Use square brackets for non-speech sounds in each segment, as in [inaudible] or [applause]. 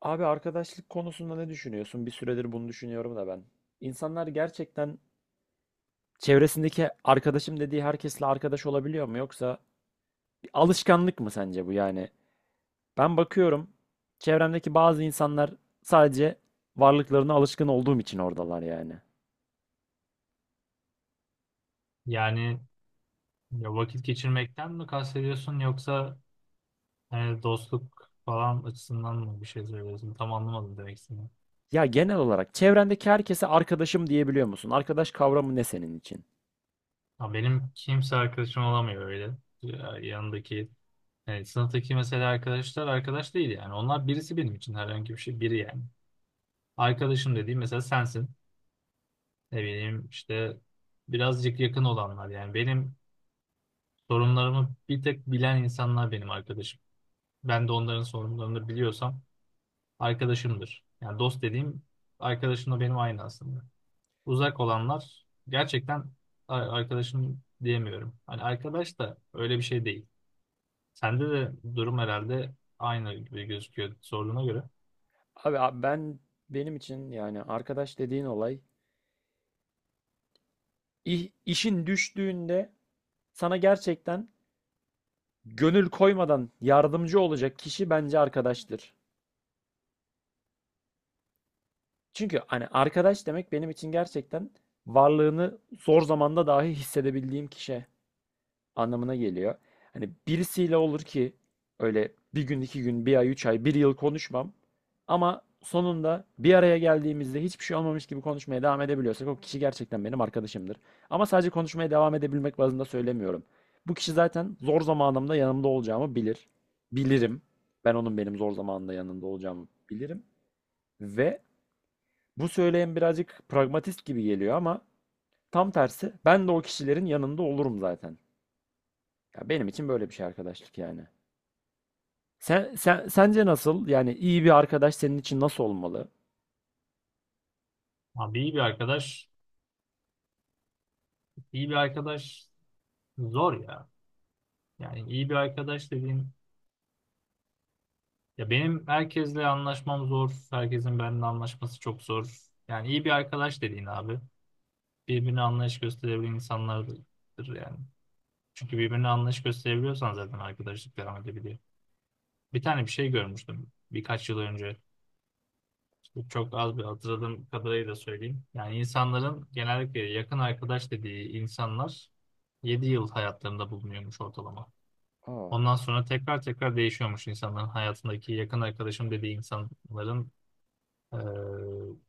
Abi arkadaşlık konusunda ne düşünüyorsun? Bir süredir bunu düşünüyorum da ben. İnsanlar gerçekten çevresindeki arkadaşım dediği herkesle arkadaş olabiliyor mu? Yoksa bir alışkanlık mı sence bu yani? Ben bakıyorum çevremdeki bazı insanlar sadece varlıklarına alışkın olduğum için oradalar yani. Yani ya vakit geçirmekten mi kastediyorsun yoksa hani dostluk falan açısından mı bir şey söylüyorsun? Tam anlamadım demek istediğini. Ya genel olarak çevrendeki herkese arkadaşım diyebiliyor musun? Arkadaş kavramı ne senin için? Ya benim kimse arkadaşım olamıyor öyle. Ya yanındaki yani sınıftaki mesela arkadaşlar arkadaş değil yani. Onlar birisi benim için herhangi bir şey biri yani. Arkadaşım dediğim mesela sensin. Ne bileyim işte birazcık yakın olanlar yani. Benim sorunlarımı bir tek bilen insanlar benim arkadaşım. Ben de onların sorunlarını biliyorsam arkadaşımdır. Yani dost dediğim arkadaşımla benim aynı aslında. Uzak olanlar gerçekten arkadaşım diyemiyorum. Hani arkadaş da öyle bir şey değil. Sende de durum herhalde aynı gibi gözüküyor sorduğuna göre. Abi benim için yani arkadaş dediğin olay işin düştüğünde sana gerçekten gönül koymadan yardımcı olacak kişi bence arkadaştır. Çünkü hani arkadaş demek benim için gerçekten varlığını zor zamanda dahi hissedebildiğim kişi anlamına geliyor. Hani birisiyle olur ki öyle bir gün, iki gün, bir ay, üç ay, bir yıl konuşmam. Ama sonunda bir araya geldiğimizde hiçbir şey olmamış gibi konuşmaya devam edebiliyorsak o kişi gerçekten benim arkadaşımdır. Ama sadece konuşmaya devam edebilmek bazında söylemiyorum. Bu kişi zaten zor zamanımda yanımda olacağımı bilir. Bilirim. Ben onun benim zor zamanımda yanında olacağımı bilirim. Ve bu söyleyen birazcık pragmatist gibi geliyor ama tam tersi ben de o kişilerin yanında olurum zaten. Ya benim için böyle bir şey arkadaşlık yani. Sen sence nasıl? Yani iyi bir arkadaş senin için nasıl olmalı? Abi iyi bir arkadaş, iyi bir arkadaş zor ya. Yani iyi bir arkadaş dediğin ya benim herkesle anlaşmam zor. Herkesin benimle anlaşması çok zor. Yani iyi bir arkadaş dediğin abi birbirine anlayış gösterebilen insanlardır yani. Çünkü birbirine anlayış gösterebiliyorsan zaten arkadaşlık devam edebiliyor. Bir tane bir şey görmüştüm birkaç yıl önce. İşte çok az bir hatırladığım kadarıyla söyleyeyim. Yani insanların genellikle yakın arkadaş dediği insanlar 7 yıl hayatlarında bulunuyormuş ortalama. Aa, Ondan sonra tekrar tekrar değişiyormuş insanların hayatındaki yakın arkadaşım dediği insanların eee,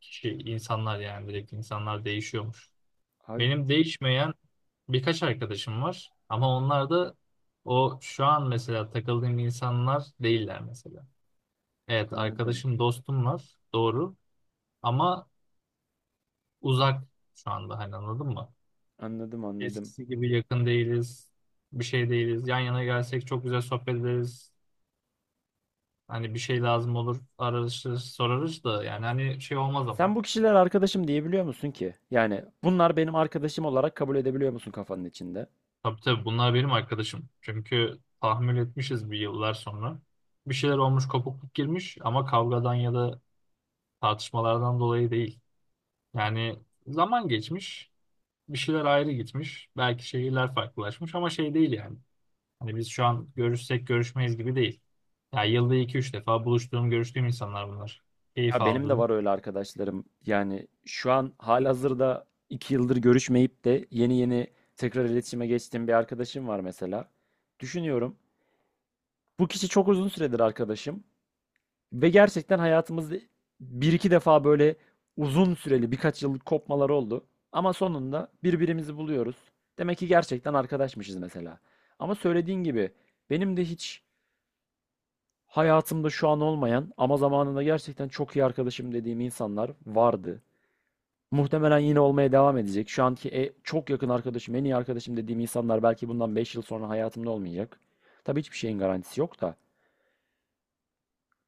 kişi insanlar yani direkt insanlar değişiyormuş. abi Benim değişmeyen birkaç arkadaşım var ama onlar da o şu an mesela takıldığım insanlar değiller mesela. Evet anladım. arkadaşım dostum var doğru ama uzak şu anda hani anladın mı? Anladım, anladım. Eskisi gibi yakın değiliz bir şey değiliz yan yana gelsek çok güzel sohbet ederiz. Hani bir şey lazım olur ararız sorarız da yani hani şey olmaz Sen ama. bu kişiler arkadaşım diyebiliyor musun ki? Yani bunlar benim arkadaşım olarak kabul edebiliyor musun kafanın içinde? Tabii tabii bunlar benim arkadaşım çünkü tahammül etmişiz bir yıllar sonra. Bir şeyler olmuş kopukluk girmiş ama kavgadan ya da tartışmalardan dolayı değil. Yani zaman geçmiş, bir şeyler ayrı gitmiş, belki şehirler farklılaşmış ama şey değil yani. Hani biz şu an görüşsek görüşmeyiz gibi değil. Ya yılda iki üç defa buluştuğum, görüştüğüm insanlar bunlar. Keyif Ya benim de aldığım. var öyle arkadaşlarım. Yani şu an halihazırda 2 yıldır görüşmeyip de yeni yeni tekrar iletişime geçtiğim bir arkadaşım var mesela. Düşünüyorum. Bu kişi çok uzun süredir arkadaşım. Ve gerçekten hayatımızda bir iki defa böyle uzun süreli birkaç yıllık kopmalar oldu. Ama sonunda birbirimizi buluyoruz. Demek ki gerçekten arkadaşmışız mesela. Ama söylediğin gibi benim de hiç hayatımda şu an olmayan ama zamanında gerçekten çok iyi arkadaşım dediğim insanlar vardı. Muhtemelen yine olmaya devam edecek. Şu anki çok yakın arkadaşım, en iyi arkadaşım dediğim insanlar belki bundan 5 yıl sonra hayatımda olmayacak. Tabii hiçbir şeyin garantisi yok da.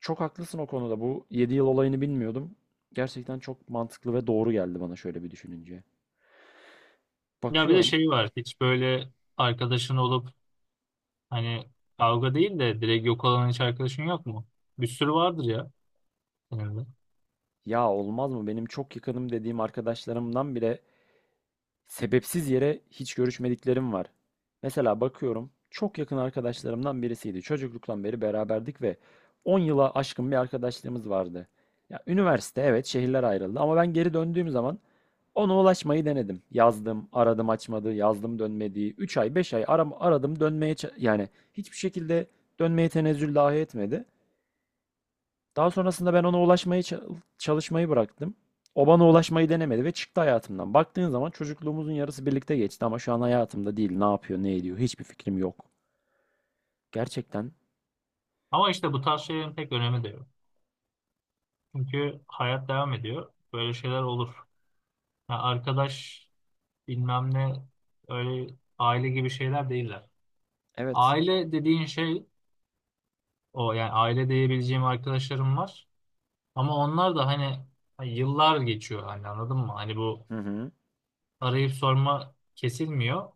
Çok haklısın o konuda. Bu 7 yıl olayını bilmiyordum. Gerçekten çok mantıklı ve doğru geldi bana şöyle bir düşününce. Ya bir de Bakıyorum. şey var, hiç böyle arkadaşın olup hani kavga değil de direkt yok olan hiç arkadaşın yok mu? Bir sürü vardır ya senin de. Ya olmaz mı? Benim çok yakınım dediğim arkadaşlarımdan bile sebepsiz yere hiç görüşmediklerim var. Mesela bakıyorum. Çok yakın arkadaşlarımdan birisiydi. Çocukluktan beri beraberdik ve 10 yıla aşkın bir arkadaşlığımız vardı. Ya üniversite evet şehirler ayrıldı ama ben geri döndüğüm zaman ona ulaşmayı denedim. Yazdım, aradım açmadı, yazdım dönmedi. 3 ay, 5 ay aradım dönmeye yani hiçbir şekilde dönmeye tenezzül dahi etmedi. Daha sonrasında ben ona ulaşmayı çalışmayı bıraktım. O bana ulaşmayı denemedi ve çıktı hayatımdan. Baktığın zaman çocukluğumuzun yarısı birlikte geçti ama şu an hayatımda değil. Ne yapıyor, ne ediyor hiçbir fikrim yok. Gerçekten Ama işte bu tarz şeylerin pek önemi de yok. Çünkü hayat devam ediyor. Böyle şeyler olur. Ya arkadaş bilmem ne öyle aile gibi şeyler değiller. evet. Aile dediğin şey o yani aile diyebileceğim arkadaşlarım var. Ama onlar da hani hani yıllar geçiyor hani anladın mı? Hani bu Hı hı. arayıp sorma kesilmiyor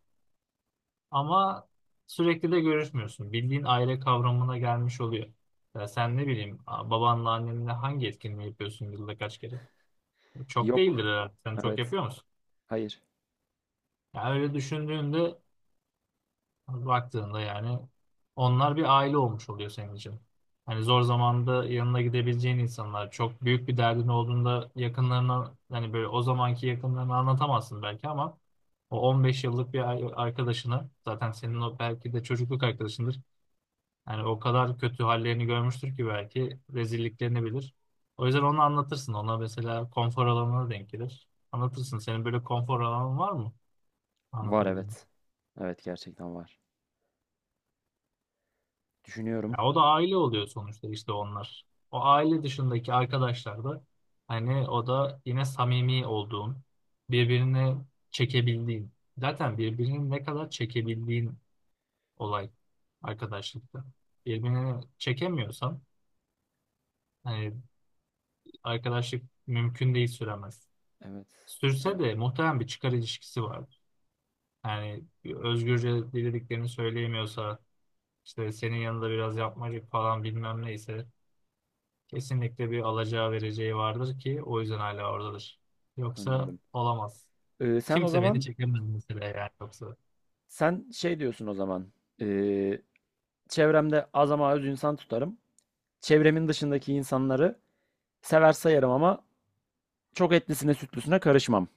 ama sürekli de görüşmüyorsun. Bildiğin aile kavramına gelmiş oluyor. Ya sen ne bileyim babanla annenle hangi etkinliği yapıyorsun yılda kaç kere? Çok değildir Yok. herhalde. Sen çok Evet. yapıyor musun? Hayır. Ya öyle düşündüğünde baktığında yani onlar bir aile olmuş oluyor senin için. Hani zor zamanda yanına gidebileceğin insanlar, çok büyük bir derdin olduğunda yakınlarına hani böyle o zamanki yakınlarına anlatamazsın belki ama o 15 yıllık bir arkadaşını zaten senin o belki de çocukluk arkadaşındır. Yani o kadar kötü hallerini görmüştür ki belki rezilliklerini bilir. O yüzden onu anlatırsın. Ona mesela konfor alanına denk gelir. Anlatırsın. Senin böyle konfor alanın var mı? Var Anlatabileceğin. evet. Evet gerçekten var. Ya Düşünüyorum. o da aile oluyor sonuçta işte onlar. O aile dışındaki arkadaşlar da hani o da yine samimi olduğun, birbirini çekebildiğin. Zaten birbirini ne kadar çekebildiğin olay arkadaşlıkta. Birbirini çekemiyorsan hani arkadaşlık mümkün değil süremez. Evet. Sürse Evet. de muhtemelen bir çıkar ilişkisi vardır. Yani bir özgürce dilediklerini söyleyemiyorsa işte senin yanında biraz yapmacık falan bilmem neyse, kesinlikle bir alacağı vereceği vardır ki o yüzden hala oradadır. Yoksa Anladım. olamaz. Sen o Kimse beni zaman çekemez mesela yani yoksa. sen şey diyorsun o zaman. ee, çevremde az ama az insan tutarım. Çevremin dışındaki insanları sever sayarım ama çok etlisine sütlüsüne karışmam.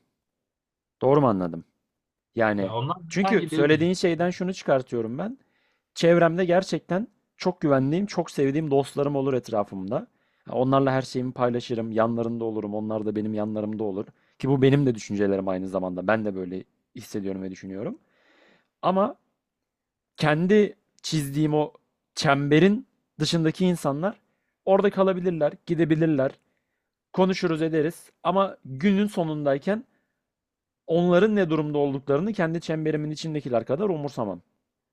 Doğru mu anladım? Yani Ya onlar çünkü hangi biri benim. söylediğin şeyden şunu çıkartıyorum ben. Çevremde gerçekten çok güvendiğim, çok sevdiğim dostlarım olur etrafımda. Onlarla her şeyimi paylaşırım, yanlarında olurum, onlar da benim yanlarımda olur. Ki bu benim de düşüncelerim aynı zamanda. Ben de böyle hissediyorum ve düşünüyorum. Ama kendi çizdiğim o çemberin dışındaki insanlar orada kalabilirler, gidebilirler. Konuşuruz ederiz ama günün sonundayken onların ne durumda olduklarını kendi çemberimin içindekiler kadar umursamam.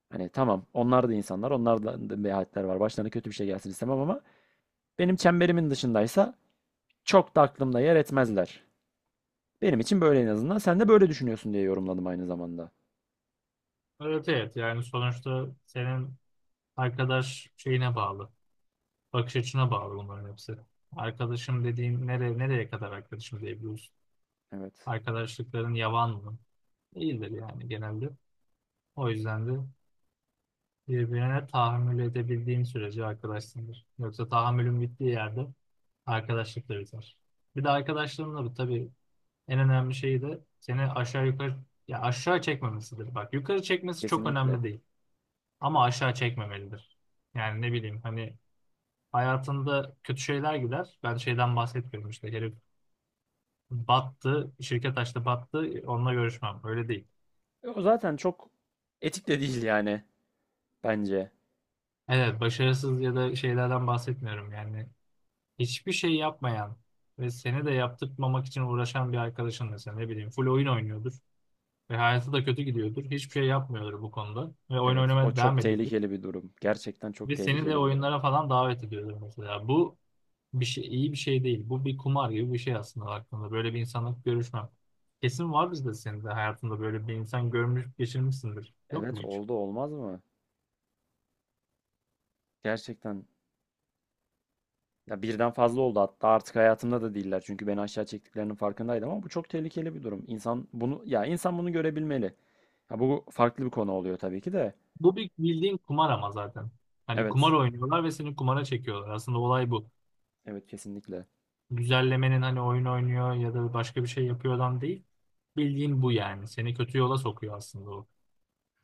Hani tamam onlar da insanlar, onlar da menfaatler var. Başlarına kötü bir şey gelsin istemem ama benim çemberimin dışındaysa çok da aklımda yer etmezler. Benim için böyle en azından. Sen de böyle düşünüyorsun diye yorumladım aynı zamanda. Evet evet yani sonuçta senin arkadaş şeyine bağlı. Bakış açına bağlı bunların hepsi. Arkadaşım dediğin nereye, nereye kadar arkadaşım diyebiliyorsun? Evet, Arkadaşlıkların yavan mı? Değildir yani genelde. O yüzden de birbirine tahammül edebildiğin sürece arkadaşsındır. Yoksa tahammülün bittiği yerde arkadaşlıkla biter. Bir de arkadaşlığın da tabii en önemli şey de seni aşağı yukarı ya aşağı çekmemesidir. Bak yukarı çekmesi çok kesinlikle. önemli değil ama aşağı çekmemelidir. Yani ne bileyim hani hayatında kötü şeyler gider. Ben şeyden bahsetmiyorum işte herif battı, şirket açtı battı onunla görüşmem. Öyle değil. E, o zaten çok etik de değil yani bence. Evet başarısız ya da şeylerden bahsetmiyorum yani. Hiçbir şey yapmayan ve seni de yaptırmamak için uğraşan bir arkadaşın mesela ne bileyim full oyun oynuyordur. Ve hayatı da kötü gidiyordur. Hiçbir şey yapmıyordur bu konuda. Ve oyun Evet, o oynamaya çok devam ediyordur. tehlikeli bir durum. Gerçekten çok Ve seni de tehlikeli bir durum. oyunlara falan davet ediyordur mesela. Bu bir şey, iyi bir şey değil. Bu bir kumar gibi bir şey aslında baktığında. Böyle bir insanla görüşmem. Kesin var bizde senin de hayatında böyle bir insan görmüş, geçirmişsindir. Yok mu Evet, hiç? oldu olmaz mı? Gerçekten. Ya birden fazla oldu hatta artık hayatımda da değiller. Çünkü beni aşağı çektiklerinin farkındaydım ama bu çok tehlikeli bir durum. İnsan bunu ya insan bunu görebilmeli. Ha bu farklı bir konu oluyor tabii ki de. Bu bir bildiğin kumar ama zaten. Hani kumar Evet. oynuyorlar ve seni kumara çekiyorlar. Aslında olay bu. Evet kesinlikle. Güzellemenin hani oyun oynuyor ya da başka bir şey yapıyordan değil. Bildiğin bu yani. Seni kötü yola sokuyor aslında o.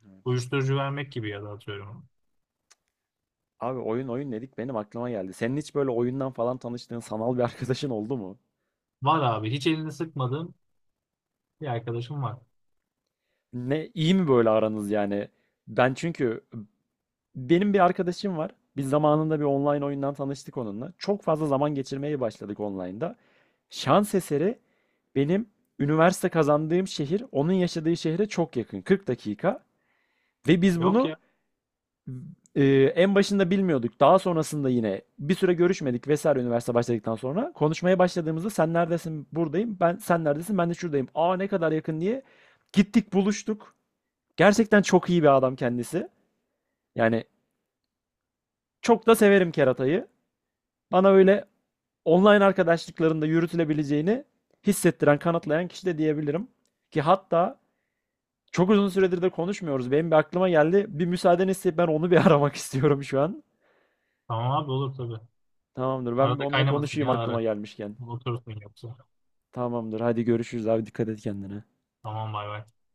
Evet. Uyuşturucu vermek gibi ya da atıyorum. Abi oyun oyun dedik benim aklıma geldi. Senin hiç böyle oyundan falan tanıştığın sanal bir arkadaşın oldu mu? Var abi. Hiç elini sıkmadığım bir arkadaşım var. Ne iyi mi böyle aranız yani? Ben çünkü benim bir arkadaşım var. Biz zamanında bir online oyundan tanıştık onunla. Çok fazla zaman geçirmeye başladık online'da. Şans eseri benim üniversite kazandığım şehir onun yaşadığı şehre çok yakın. 40 dakika. Ve biz Yok bunu ya. e, en başında bilmiyorduk. Daha sonrasında yine bir süre görüşmedik vesaire üniversite başladıktan sonra. Konuşmaya başladığımızda sen neredesin? Buradayım. Ben sen neredesin? Ben de şuradayım. Aa ne kadar yakın diye gittik buluştuk. Gerçekten çok iyi bir adam kendisi. Yani çok da severim keratayı. Bana öyle online arkadaşlıklarında yürütülebileceğini hissettiren, kanıtlayan kişi de diyebilirim. Ki hatta çok uzun süredir de konuşmuyoruz. Benim bir aklıma geldi. Bir müsaadeni isteyip ben onu bir [laughs] aramak istiyorum şu an. Tamam abi olur tabii. Tamamdır. Ben bir Arada onunla kaynamasın konuşayım ya ara. aklıma gelmişken. Oturursun yoksa. Tamamdır. Hadi görüşürüz abi. Dikkat et kendine. Tamam bay bay.